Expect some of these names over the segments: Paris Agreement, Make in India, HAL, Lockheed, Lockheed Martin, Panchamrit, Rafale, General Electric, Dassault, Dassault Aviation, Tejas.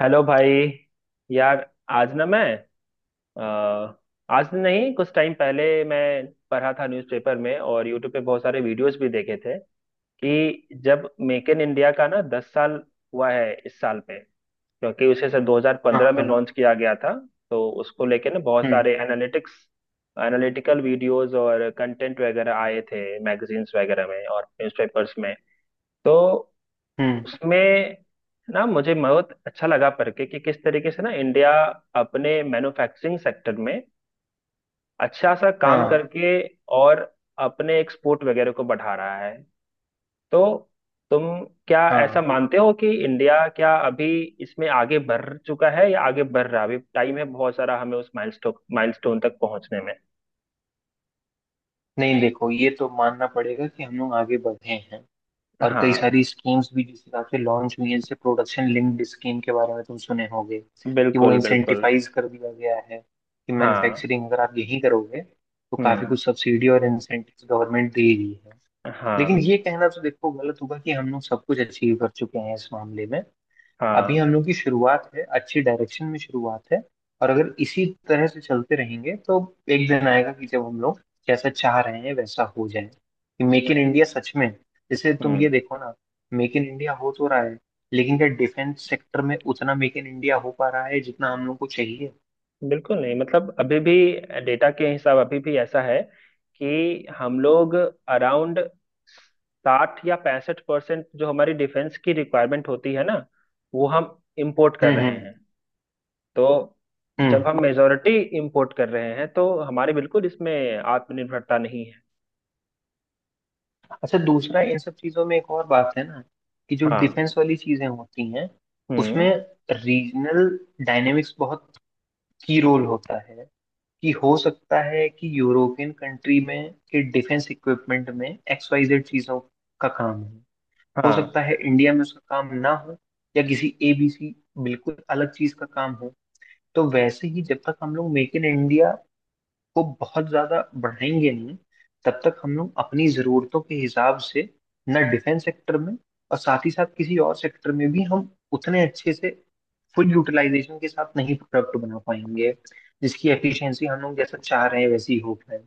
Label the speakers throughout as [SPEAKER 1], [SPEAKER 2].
[SPEAKER 1] Hello भाई। यार, आज ना मैं, अ, आज नहीं कुछ टाइम पहले मैं पढ़ा था न्यूज़पेपर में और यूट्यूब पे बहुत सारे वीडियोस भी देखे थे कि जब मेक इन इंडिया का ना 10 साल हुआ है इस साल में। क्योंकि उसे सर
[SPEAKER 2] हाँ,
[SPEAKER 1] 2015 में
[SPEAKER 2] हाँ।
[SPEAKER 1] लॉन्च किया गया था। तो उसको लेके ना बहुत
[SPEAKER 2] हम्म,
[SPEAKER 1] सारे एनालिटिक्स एनालिटिकल वीडियोस और कंटेंट वगैरह आए थे मैगजीन्स वगैरह में और न्यूज़पेपर्स में। तो
[SPEAKER 2] हम्म।
[SPEAKER 1] उसमें ना मुझे बहुत अच्छा लगा करके कि किस तरीके से ना इंडिया अपने मैन्युफैक्चरिंग सेक्टर में अच्छा सा काम
[SPEAKER 2] हाँ,
[SPEAKER 1] करके और अपने एक्सपोर्ट वगैरह को बढ़ा रहा है। तो तुम क्या ऐसा
[SPEAKER 2] हाँ।
[SPEAKER 1] मानते हो कि इंडिया क्या अभी इसमें आगे बढ़ चुका है या आगे बढ़ रहा है? अभी टाइम है बहुत सारा हमें उस माइलस्टोन माइलस्टोन तक पहुंचने में।
[SPEAKER 2] नहीं, देखो ये तो मानना पड़ेगा कि हम लोग आगे बढ़े हैं। और कई
[SPEAKER 1] हाँ
[SPEAKER 2] सारी स्कीम्स भी जिस हिसाब से लॉन्च हुई है, जैसे प्रोडक्शन लिंक्ड स्कीम के बारे में तुम सुने होगे कि वो
[SPEAKER 1] बिल्कुल बिल्कुल।
[SPEAKER 2] इंसेंटिवाइज कर दिया गया है, कि
[SPEAKER 1] हाँ।
[SPEAKER 2] मैन्युफैक्चरिंग अगर आप यहीं करोगे तो काफी
[SPEAKER 1] हम्म।
[SPEAKER 2] कुछ सब्सिडी और इंसेंटिव गवर्नमेंट दे रही है। लेकिन
[SPEAKER 1] हाँ।
[SPEAKER 2] ये कहना तो देखो गलत होगा कि हम लोग सब कुछ अचीव कर चुके हैं इस मामले में। अभी
[SPEAKER 1] हाँ।
[SPEAKER 2] हम लोग की शुरुआत है, अच्छी डायरेक्शन में शुरुआत है। और अगर इसी तरह से चलते रहेंगे तो एक दिन आएगा कि जब हम लोग जैसा चाह रहे हैं वैसा हो जाए, कि मेक इन इंडिया सच में। जैसे तुम ये
[SPEAKER 1] हम्म।
[SPEAKER 2] देखो ना, मेक इन इंडिया हो तो रहा है, लेकिन क्या डिफेंस सेक्टर में उतना मेक इन इंडिया हो पा रहा है जितना हम लोग को चाहिए।
[SPEAKER 1] बिल्कुल नहीं, मतलब अभी भी डेटा के हिसाब अभी भी ऐसा है कि हम लोग अराउंड 60 या 65% जो हमारी डिफेंस की रिक्वायरमेंट होती है ना, वो हम इंपोर्ट कर
[SPEAKER 2] हम्म,
[SPEAKER 1] रहे
[SPEAKER 2] हम्म,
[SPEAKER 1] हैं। तो
[SPEAKER 2] हम्म।
[SPEAKER 1] जब हम मेजोरिटी इंपोर्ट कर रहे हैं तो हमारे बिल्कुल इसमें आत्मनिर्भरता नहीं है।
[SPEAKER 2] अच्छा, दूसरा, इन सब चीजों में एक और बात है ना, कि जो
[SPEAKER 1] हाँ।
[SPEAKER 2] डिफेंस वाली चीजें होती हैं,
[SPEAKER 1] हम्म।
[SPEAKER 2] उसमें रीजनल डायनेमिक्स बहुत की रोल होता है। कि हो सकता है कि यूरोपियन कंट्री में के डिफेंस इक्विपमेंट में XYZ चीजों का काम है। हो
[SPEAKER 1] हाँ।
[SPEAKER 2] सकता है इंडिया में उसका काम ना हो, या किसी ABC बिल्कुल अलग चीज का काम हो। तो वैसे ही जब तक हम लोग मेक इन इंडिया को बहुत ज्यादा बढ़ाएंगे नहीं, तब तक हम लोग अपनी जरूरतों के हिसाब से न डिफेंस सेक्टर में, और साथ ही साथ किसी और सेक्टर में भी हम उतने अच्छे से फुल यूटिलाइजेशन के साथ नहीं प्रोडक्ट बना पाएंगे, जिसकी एफिशिएंसी हम लोग जैसा चाह रहे हैं वैसी हो पाए।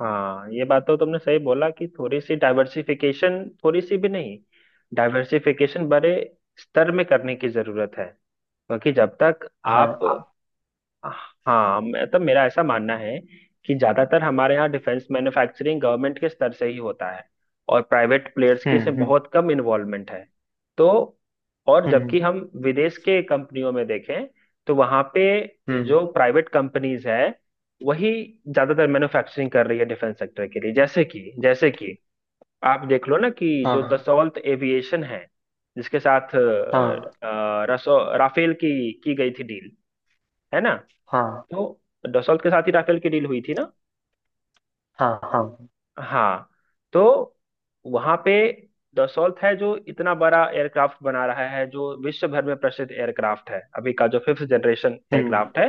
[SPEAKER 1] हाँ। ये बात तो तुमने सही बोला कि थोड़ी सी डाइवर्सिफिकेशन, थोड़ी सी भी नहीं, डाइवर्सिफिकेशन बड़े स्तर में करने की जरूरत है, क्योंकि जब तक
[SPEAKER 2] हाँ,
[SPEAKER 1] आप।
[SPEAKER 2] आप।
[SPEAKER 1] हाँ मैं, तो मेरा ऐसा मानना है कि ज्यादातर हमारे यहाँ डिफेंस मैन्युफैक्चरिंग गवर्नमेंट के स्तर से ही होता है और प्राइवेट प्लेयर्स की
[SPEAKER 2] हम्म,
[SPEAKER 1] इसमें
[SPEAKER 2] हम्म,
[SPEAKER 1] बहुत कम इन्वॉल्वमेंट है। तो और
[SPEAKER 2] हम्म,
[SPEAKER 1] जबकि हम विदेश के कंपनियों में देखें तो वहां पे
[SPEAKER 2] हम्म।
[SPEAKER 1] जो प्राइवेट कंपनीज है, वही ज्यादातर मैन्युफैक्चरिंग कर रही है डिफेंस सेक्टर के लिए। जैसे कि आप देख लो ना कि जो
[SPEAKER 2] हाँ,
[SPEAKER 1] दसौल्त एविएशन है जिसके साथ
[SPEAKER 2] हाँ,
[SPEAKER 1] रसो राफेल की गई थी डील। है ना?
[SPEAKER 2] हाँ,
[SPEAKER 1] तो दसौल्त के साथ ही राफेल की डील हुई थी ना।
[SPEAKER 2] हाँ। हाँ।
[SPEAKER 1] हाँ। तो वहां पे दसौल्त है जो इतना बड़ा एयरक्राफ्ट बना रहा है, जो विश्व भर में प्रसिद्ध एयरक्राफ्ट है, अभी का जो फिफ्थ जनरेशन
[SPEAKER 2] हम्म।
[SPEAKER 1] एयरक्राफ्ट है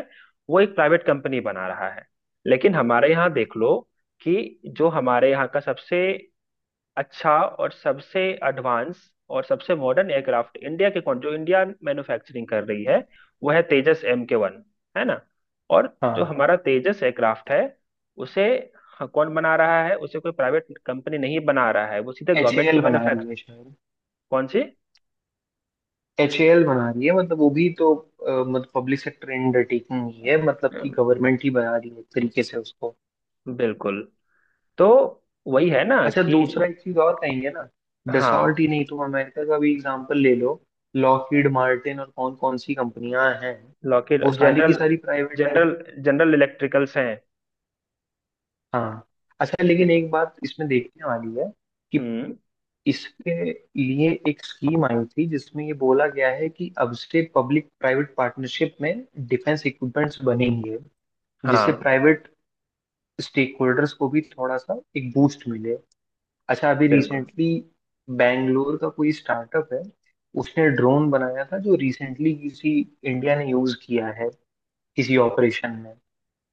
[SPEAKER 1] वो एक प्राइवेट कंपनी बना रहा है। लेकिन हमारे यहाँ देख लो कि जो हमारे यहाँ का सबसे अच्छा और सबसे एडवांस और सबसे मॉडर्न एयरक्राफ्ट इंडिया के कौन जो इंडिया मैन्युफैक्चरिंग कर रही है वो है तेजस MK1। है ना? और जो
[SPEAKER 2] हाँ।
[SPEAKER 1] हमारा तेजस एयरक्राफ्ट है उसे कौन बना रहा है? उसे कोई प्राइवेट कंपनी नहीं बना रहा है, वो सीधे
[SPEAKER 2] एच ए
[SPEAKER 1] गवर्नमेंट की
[SPEAKER 2] एल बना रही
[SPEAKER 1] मैन्युफैक्चर।
[SPEAKER 2] है शायद।
[SPEAKER 1] कौन सी?
[SPEAKER 2] एच ए एल बना रही है, मतलब वो भी तो मतलब पब्लिक सेक्टर अंडरटेकिंग ही है, मतलब कि
[SPEAKER 1] अम,
[SPEAKER 2] गवर्नमेंट ही बना रही है एक तरीके से उसको।
[SPEAKER 1] बिल्कुल। तो वही है ना
[SPEAKER 2] अच्छा,
[SPEAKER 1] कि
[SPEAKER 2] दूसरा एक चीज और कहेंगे ना। डसॉल्ट
[SPEAKER 1] हाँ,
[SPEAKER 2] ही नहीं, तुम अमेरिका का भी एग्जांपल ले लो। लॉकहीड मार्टिन और कौन कौन सी कंपनियां हैं,
[SPEAKER 1] लॉकheed
[SPEAKER 2] वो सारी की
[SPEAKER 1] जनरल,
[SPEAKER 2] सारी प्राइवेट हैं।
[SPEAKER 1] जनरल इलेक्ट्रिकल्स हैं।
[SPEAKER 2] हाँ। अच्छा, लेकिन
[SPEAKER 1] जिन-
[SPEAKER 2] एक बात इसमें देखने वाली है, कि
[SPEAKER 1] हम्म।
[SPEAKER 2] इसके लिए एक स्कीम आई थी जिसमें ये बोला गया है कि अब से पब्लिक प्राइवेट पार्टनरशिप में डिफेंस इक्विपमेंट्स बनेंगे, जिससे
[SPEAKER 1] हाँ।
[SPEAKER 2] प्राइवेट स्टेक होल्डर्स को भी थोड़ा सा एक बूस्ट मिले। अच्छा, अभी
[SPEAKER 1] बिल्कुल।
[SPEAKER 2] रिसेंटली बैंगलोर का कोई स्टार्टअप है, उसने ड्रोन बनाया था जो रिसेंटली किसी, इंडिया ने यूज किया है किसी ऑपरेशन में।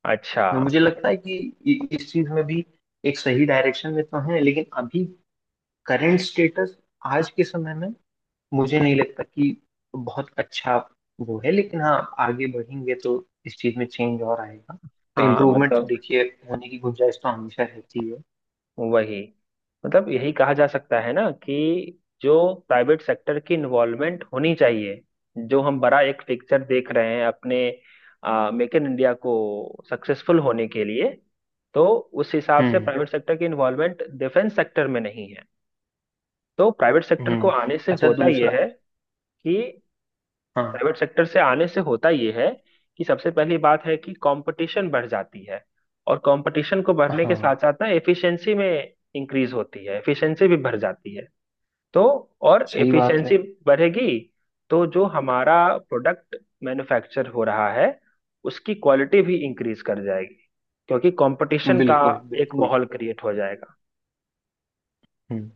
[SPEAKER 1] अच्छा।
[SPEAKER 2] तो मुझे लगता है कि इस चीज में भी, एक सही डायरेक्शन में तो है लेकिन अभी करंट स्टेटस, आज के समय में मुझे नहीं लगता कि बहुत अच्छा वो है, लेकिन हाँ, आगे बढ़ेंगे तो इस चीज में चेंज और आएगा। तो
[SPEAKER 1] हाँ
[SPEAKER 2] इम्प्रूवमेंट तो
[SPEAKER 1] मतलब
[SPEAKER 2] देखिए, होने की गुंजाइश तो हमेशा रहती है।
[SPEAKER 1] वही, मतलब यही कहा जा सकता है ना कि जो प्राइवेट सेक्टर की इन्वॉल्वमेंट होनी चाहिए, जो हम बड़ा एक पिक्चर देख रहे हैं अपने मेक इन इंडिया को सक्सेसफुल होने के लिए, तो उस हिसाब से
[SPEAKER 2] हम्म,
[SPEAKER 1] प्राइवेट सेक्टर की इन्वॉल्वमेंट डिफेंस सेक्टर में नहीं है। तो प्राइवेट सेक्टर को
[SPEAKER 2] हम्म।
[SPEAKER 1] आने से
[SPEAKER 2] अच्छा,
[SPEAKER 1] होता
[SPEAKER 2] दूसरा।
[SPEAKER 1] यह है कि
[SPEAKER 2] हाँ।
[SPEAKER 1] प्राइवेट सेक्टर से आने से होता ये है कि सबसे पहली बात है कि कंपटीशन बढ़ जाती है, और कंपटीशन को बढ़ने के
[SPEAKER 2] हाँ।
[SPEAKER 1] साथ साथ ना एफिशिएंसी में इंक्रीज होती है, एफिशिएंसी भी बढ़ जाती है। तो और
[SPEAKER 2] सही बात
[SPEAKER 1] एफिशिएंसी
[SPEAKER 2] है।
[SPEAKER 1] बढ़ेगी तो जो हमारा प्रोडक्ट मैन्युफैक्चर हो रहा है उसकी क्वालिटी भी इंक्रीज कर जाएगी क्योंकि कंपटीशन का
[SPEAKER 2] बिल्कुल,
[SPEAKER 1] एक
[SPEAKER 2] बिल्कुल।
[SPEAKER 1] माहौल क्रिएट हो जाएगा।
[SPEAKER 2] हम्म।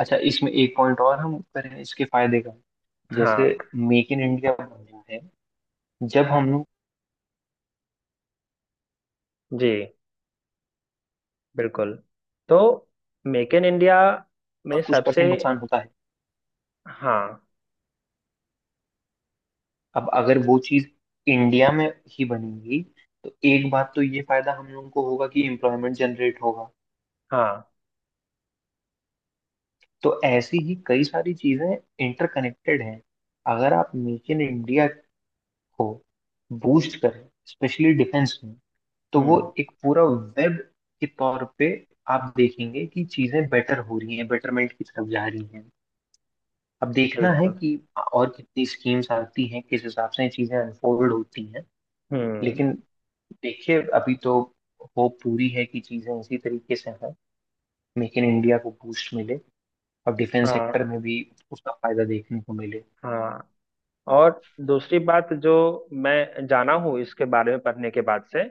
[SPEAKER 2] अच्छा, इसमें एक पॉइंट और हम करें इसके फायदे का। जैसे
[SPEAKER 1] हाँ।
[SPEAKER 2] मेक इन इंडिया बन रहा है, जब हम लोग
[SPEAKER 1] जी बिल्कुल। तो मेक इन इंडिया
[SPEAKER 2] का
[SPEAKER 1] में
[SPEAKER 2] कुछ
[SPEAKER 1] सबसे।
[SPEAKER 2] परसेंट नुकसान होता है।
[SPEAKER 1] हाँ।
[SPEAKER 2] अब अगर वो चीज इंडिया में ही बनेगी, तो एक बात तो ये फायदा हम लोगों को होगा कि एम्प्लॉयमेंट जनरेट होगा।
[SPEAKER 1] हाँ।
[SPEAKER 2] तो ऐसी ही कई सारी चीजें इंटरकनेक्टेड हैं। अगर आप मेक इन इंडिया को बूस्ट करें, स्पेशली डिफेंस में, तो वो
[SPEAKER 1] हम्म।
[SPEAKER 2] एक पूरा वेब के तौर पे आप देखेंगे कि चीजें बेटर हो रही हैं, बेटरमेंट की तरफ जा रही हैं। अब देखना है
[SPEAKER 1] बिल्कुल।
[SPEAKER 2] कि और कितनी स्कीम्स आती हैं, किस हिसाब से ये चीजें अनफोल्ड होती हैं।
[SPEAKER 1] हम्म।
[SPEAKER 2] लेकिन देखिए, अभी तो होप पूरी है कि चीजें इसी तरीके से हैं, मेक इन इंडिया को बूस्ट मिले और डिफेंस सेक्टर
[SPEAKER 1] हाँ।
[SPEAKER 2] में भी उसका फायदा देखने को मिले।
[SPEAKER 1] हाँ। और दूसरी बात जो मैं जाना हूँ इसके बारे में पढ़ने के बाद से,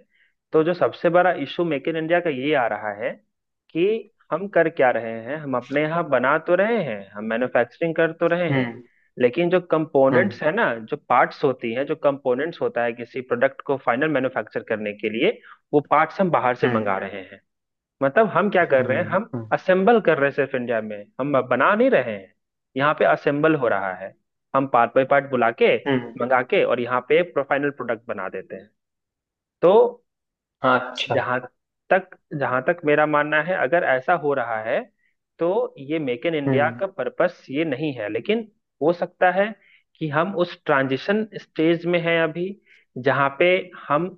[SPEAKER 1] तो जो सबसे बड़ा इशू मेक इन इंडिया का ये आ रहा है कि हम कर क्या रहे हैं? हम अपने यहाँ बना तो रहे हैं, हम मैन्युफैक्चरिंग कर तो रहे हैं,
[SPEAKER 2] हम्म,
[SPEAKER 1] लेकिन जो
[SPEAKER 2] हम्म,
[SPEAKER 1] कंपोनेंट्स है ना, जो पार्ट्स होती हैं, जो कंपोनेंट्स होता है किसी प्रोडक्ट को फाइनल मैन्युफैक्चर करने के लिए, वो पार्ट्स हम बाहर से
[SPEAKER 2] हम्म,
[SPEAKER 1] मंगा रहे हैं। मतलब हम क्या कर रहे हैं?
[SPEAKER 2] हम्म,
[SPEAKER 1] हम
[SPEAKER 2] हम्म,
[SPEAKER 1] असेंबल कर रहे हैं सिर्फ, इंडिया में हम बना नहीं रहे हैं। यहाँ पे असेंबल हो रहा है, हम पार्ट बाय पार्ट बुला के
[SPEAKER 2] हम्म।
[SPEAKER 1] मंगा के और यहाँ पे फाइनल प्रोडक्ट बना देते हैं। तो
[SPEAKER 2] हाँ, अच्छा।
[SPEAKER 1] जहां तक जहां तक मेरा मानना है, अगर ऐसा हो रहा है तो ये मेक इन इंडिया
[SPEAKER 2] हम्म,
[SPEAKER 1] का पर्पस ये नहीं है, लेकिन हो सकता है कि हम उस ट्रांजिशन स्टेज में हैं अभी, जहां पे हम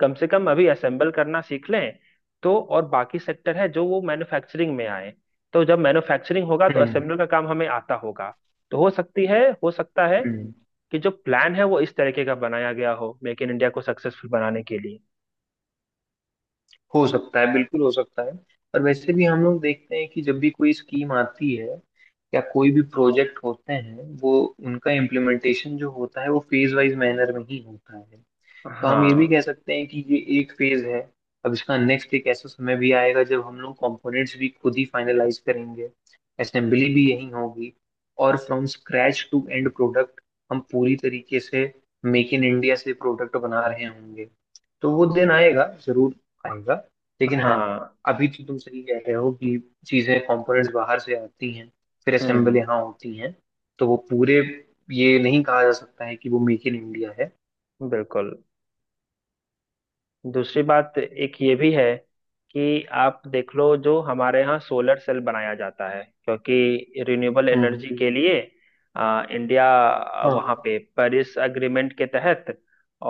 [SPEAKER 1] कम से कम अभी असेंबल करना सीख लें, तो और बाकी सेक्टर है जो वो मैन्युफैक्चरिंग में आए तो जब मैन्युफैक्चरिंग होगा तो
[SPEAKER 2] हम्म,
[SPEAKER 1] असेंबल का काम हमें आता होगा। तो हो सकता है
[SPEAKER 2] हम्म।
[SPEAKER 1] कि जो प्लान है वो इस तरीके का बनाया गया हो मेक इन इंडिया को सक्सेसफुल बनाने के लिए।
[SPEAKER 2] हो सकता है, बिल्कुल हो सकता है। और वैसे भी हम लोग देखते हैं कि जब भी कोई स्कीम आती है या कोई भी प्रोजेक्ट होते हैं, वो, उनका इम्प्लीमेंटेशन जो होता है वो फेज वाइज मैनर में ही होता है। तो हम ये भी
[SPEAKER 1] हाँ।
[SPEAKER 2] कह सकते हैं कि ये एक फेज है। अब इसका नेक्स्ट, एक ऐसा समय भी आएगा जब हम लोग कंपोनेंट्स भी खुद ही फाइनलाइज करेंगे, असेंबली भी यही होगी, और from scratch to end product हम पूरी तरीके से मेक इन इंडिया से प्रोडक्ट बना रहे होंगे। तो वो दिन आएगा, जरूर आएगा। लेकिन हाँ,
[SPEAKER 1] हाँ।
[SPEAKER 2] अभी तो तुम सही कह रहे हो कि चीजें, कंपोनेंट्स बाहर से आती हैं फिर असेंबल
[SPEAKER 1] हम्म।
[SPEAKER 2] यहाँ होती हैं। तो वो पूरे, ये नहीं कहा जा सकता है कि वो मेक इन इंडिया है।
[SPEAKER 1] बिल्कुल। दूसरी बात एक ये भी है कि आप देख लो जो हमारे यहाँ सोलर सेल बनाया जाता है, क्योंकि रिन्यूएबल
[SPEAKER 2] हम्म।
[SPEAKER 1] एनर्जी के लिए इंडिया वहाँ
[SPEAKER 2] हाँ।
[SPEAKER 1] पे पेरिस अग्रीमेंट के तहत,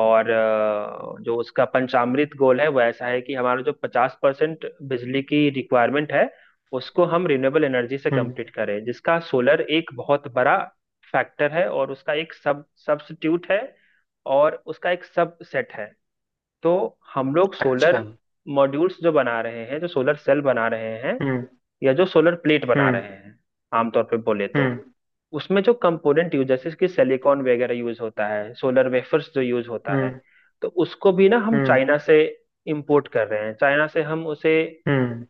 [SPEAKER 1] और जो उसका पंचामृत गोल है वो ऐसा है कि हमारा जो 50% बिजली की रिक्वायरमेंट है उसको हम रिन्यूएबल एनर्जी से
[SPEAKER 2] हम्म।
[SPEAKER 1] कंप्लीट करें, जिसका सोलर एक बहुत बड़ा फैक्टर है और उसका एक सब सब्स्टिट्यूट है और उसका एक सब सेट है। तो हम लोग
[SPEAKER 2] अच्छा।
[SPEAKER 1] सोलर मॉड्यूल्स जो बना रहे हैं, जो सोलर सेल बना रहे हैं
[SPEAKER 2] हम्म,
[SPEAKER 1] या जो सोलर प्लेट बना
[SPEAKER 2] हम्म,
[SPEAKER 1] रहे हैं आमतौर पे बोले तो,
[SPEAKER 2] हम्म,
[SPEAKER 1] उसमें जो कंपोनेंट यूज जैसे कि सिलिकॉन वगैरह यूज होता है, सोलर वेफर्स जो यूज होता है,
[SPEAKER 2] हम्म,
[SPEAKER 1] तो उसको भी ना हम
[SPEAKER 2] हम्म,
[SPEAKER 1] चाइना से इंपोर्ट कर रहे हैं, चाइना से हम उसे
[SPEAKER 2] हम्म,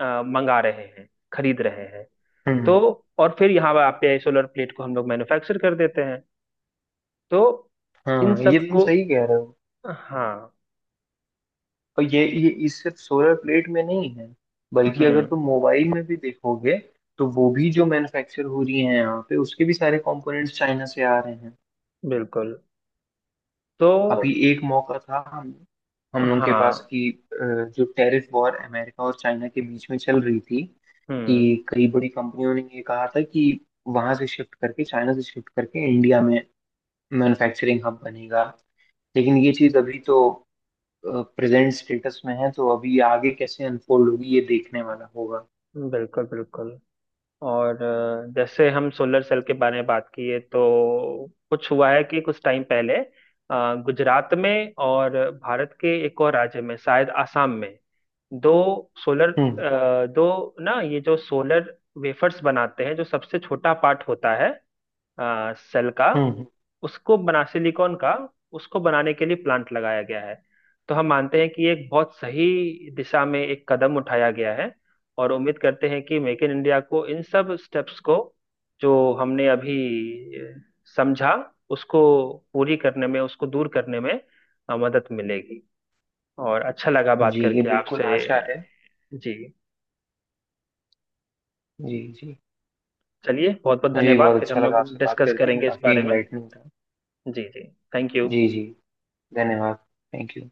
[SPEAKER 1] मंगा रहे हैं, खरीद रहे हैं। तो
[SPEAKER 2] हम्म।
[SPEAKER 1] और फिर यहाँ आप पे सोलर प्लेट को हम लोग मैन्युफैक्चर कर देते हैं। तो इन
[SPEAKER 2] हाँ, ये
[SPEAKER 1] सब
[SPEAKER 2] तुम
[SPEAKER 1] को।
[SPEAKER 2] सही कह रहे हो।
[SPEAKER 1] हाँ।
[SPEAKER 2] और ये इस सिर्फ सोलर प्लेट में नहीं है, बल्कि अगर तुम
[SPEAKER 1] हम्म।
[SPEAKER 2] मोबाइल में भी देखोगे तो वो भी जो मैन्युफैक्चर हो रही है यहाँ पे, उसके भी सारे कंपोनेंट्स चाइना से आ रहे हैं।
[SPEAKER 1] बिल्कुल।
[SPEAKER 2] अभी
[SPEAKER 1] तो
[SPEAKER 2] एक मौका था हम लोगों के पास
[SPEAKER 1] हाँ।
[SPEAKER 2] कि जो टैरिफ वॉर अमेरिका और चाइना के बीच में चल रही थी,
[SPEAKER 1] हम्म।
[SPEAKER 2] कि कई बड़ी कंपनियों ने ये कहा था कि वहां से शिफ्ट करके, चाइना से शिफ्ट करके इंडिया में मैन्युफैक्चरिंग हब बनेगा। लेकिन ये चीज अभी तो प्रेजेंट स्टेटस में है, तो अभी आगे कैसे अनफोल्ड होगी ये देखने वाला होगा।
[SPEAKER 1] बिल्कुल बिल्कुल। और जैसे हम सोलर सेल के बारे में बात किए तो कुछ हुआ है कि कुछ टाइम पहले गुजरात में और भारत के एक और राज्य में शायद आसाम में दो सोलर,
[SPEAKER 2] हम्म,
[SPEAKER 1] दो ना ये जो सोलर वेफर्स बनाते हैं जो सबसे छोटा पार्ट होता है सेल का,
[SPEAKER 2] हम्म।
[SPEAKER 1] उसको बना सिलिकॉन का, उसको बनाने के लिए प्लांट लगाया गया है। तो हम मानते हैं कि ये एक बहुत सही दिशा में एक कदम उठाया गया है, और उम्मीद करते हैं कि मेक इन इंडिया को इन सब स्टेप्स को जो हमने अभी अ, समझा उसको पूरी करने में, उसको दूर करने में मदद मिलेगी। और अच्छा लगा बात
[SPEAKER 2] जी, ये
[SPEAKER 1] करके
[SPEAKER 2] बिल्कुल
[SPEAKER 1] आपसे।
[SPEAKER 2] आशा है।
[SPEAKER 1] जी।
[SPEAKER 2] जी, जी।
[SPEAKER 1] चलिए बहुत बहुत
[SPEAKER 2] मुझे भी
[SPEAKER 1] धन्यवाद,
[SPEAKER 2] बहुत
[SPEAKER 1] फिर
[SPEAKER 2] अच्छा
[SPEAKER 1] हम
[SPEAKER 2] लगा
[SPEAKER 1] लोग
[SPEAKER 2] आपसे बात
[SPEAKER 1] डिस्कस
[SPEAKER 2] करके,
[SPEAKER 1] करेंगे इस
[SPEAKER 2] काफी
[SPEAKER 1] बारे में।
[SPEAKER 2] इनलाइटनिंग था।
[SPEAKER 1] जी जी। Thank you.
[SPEAKER 2] जी, जी। धन्यवाद। Thank you.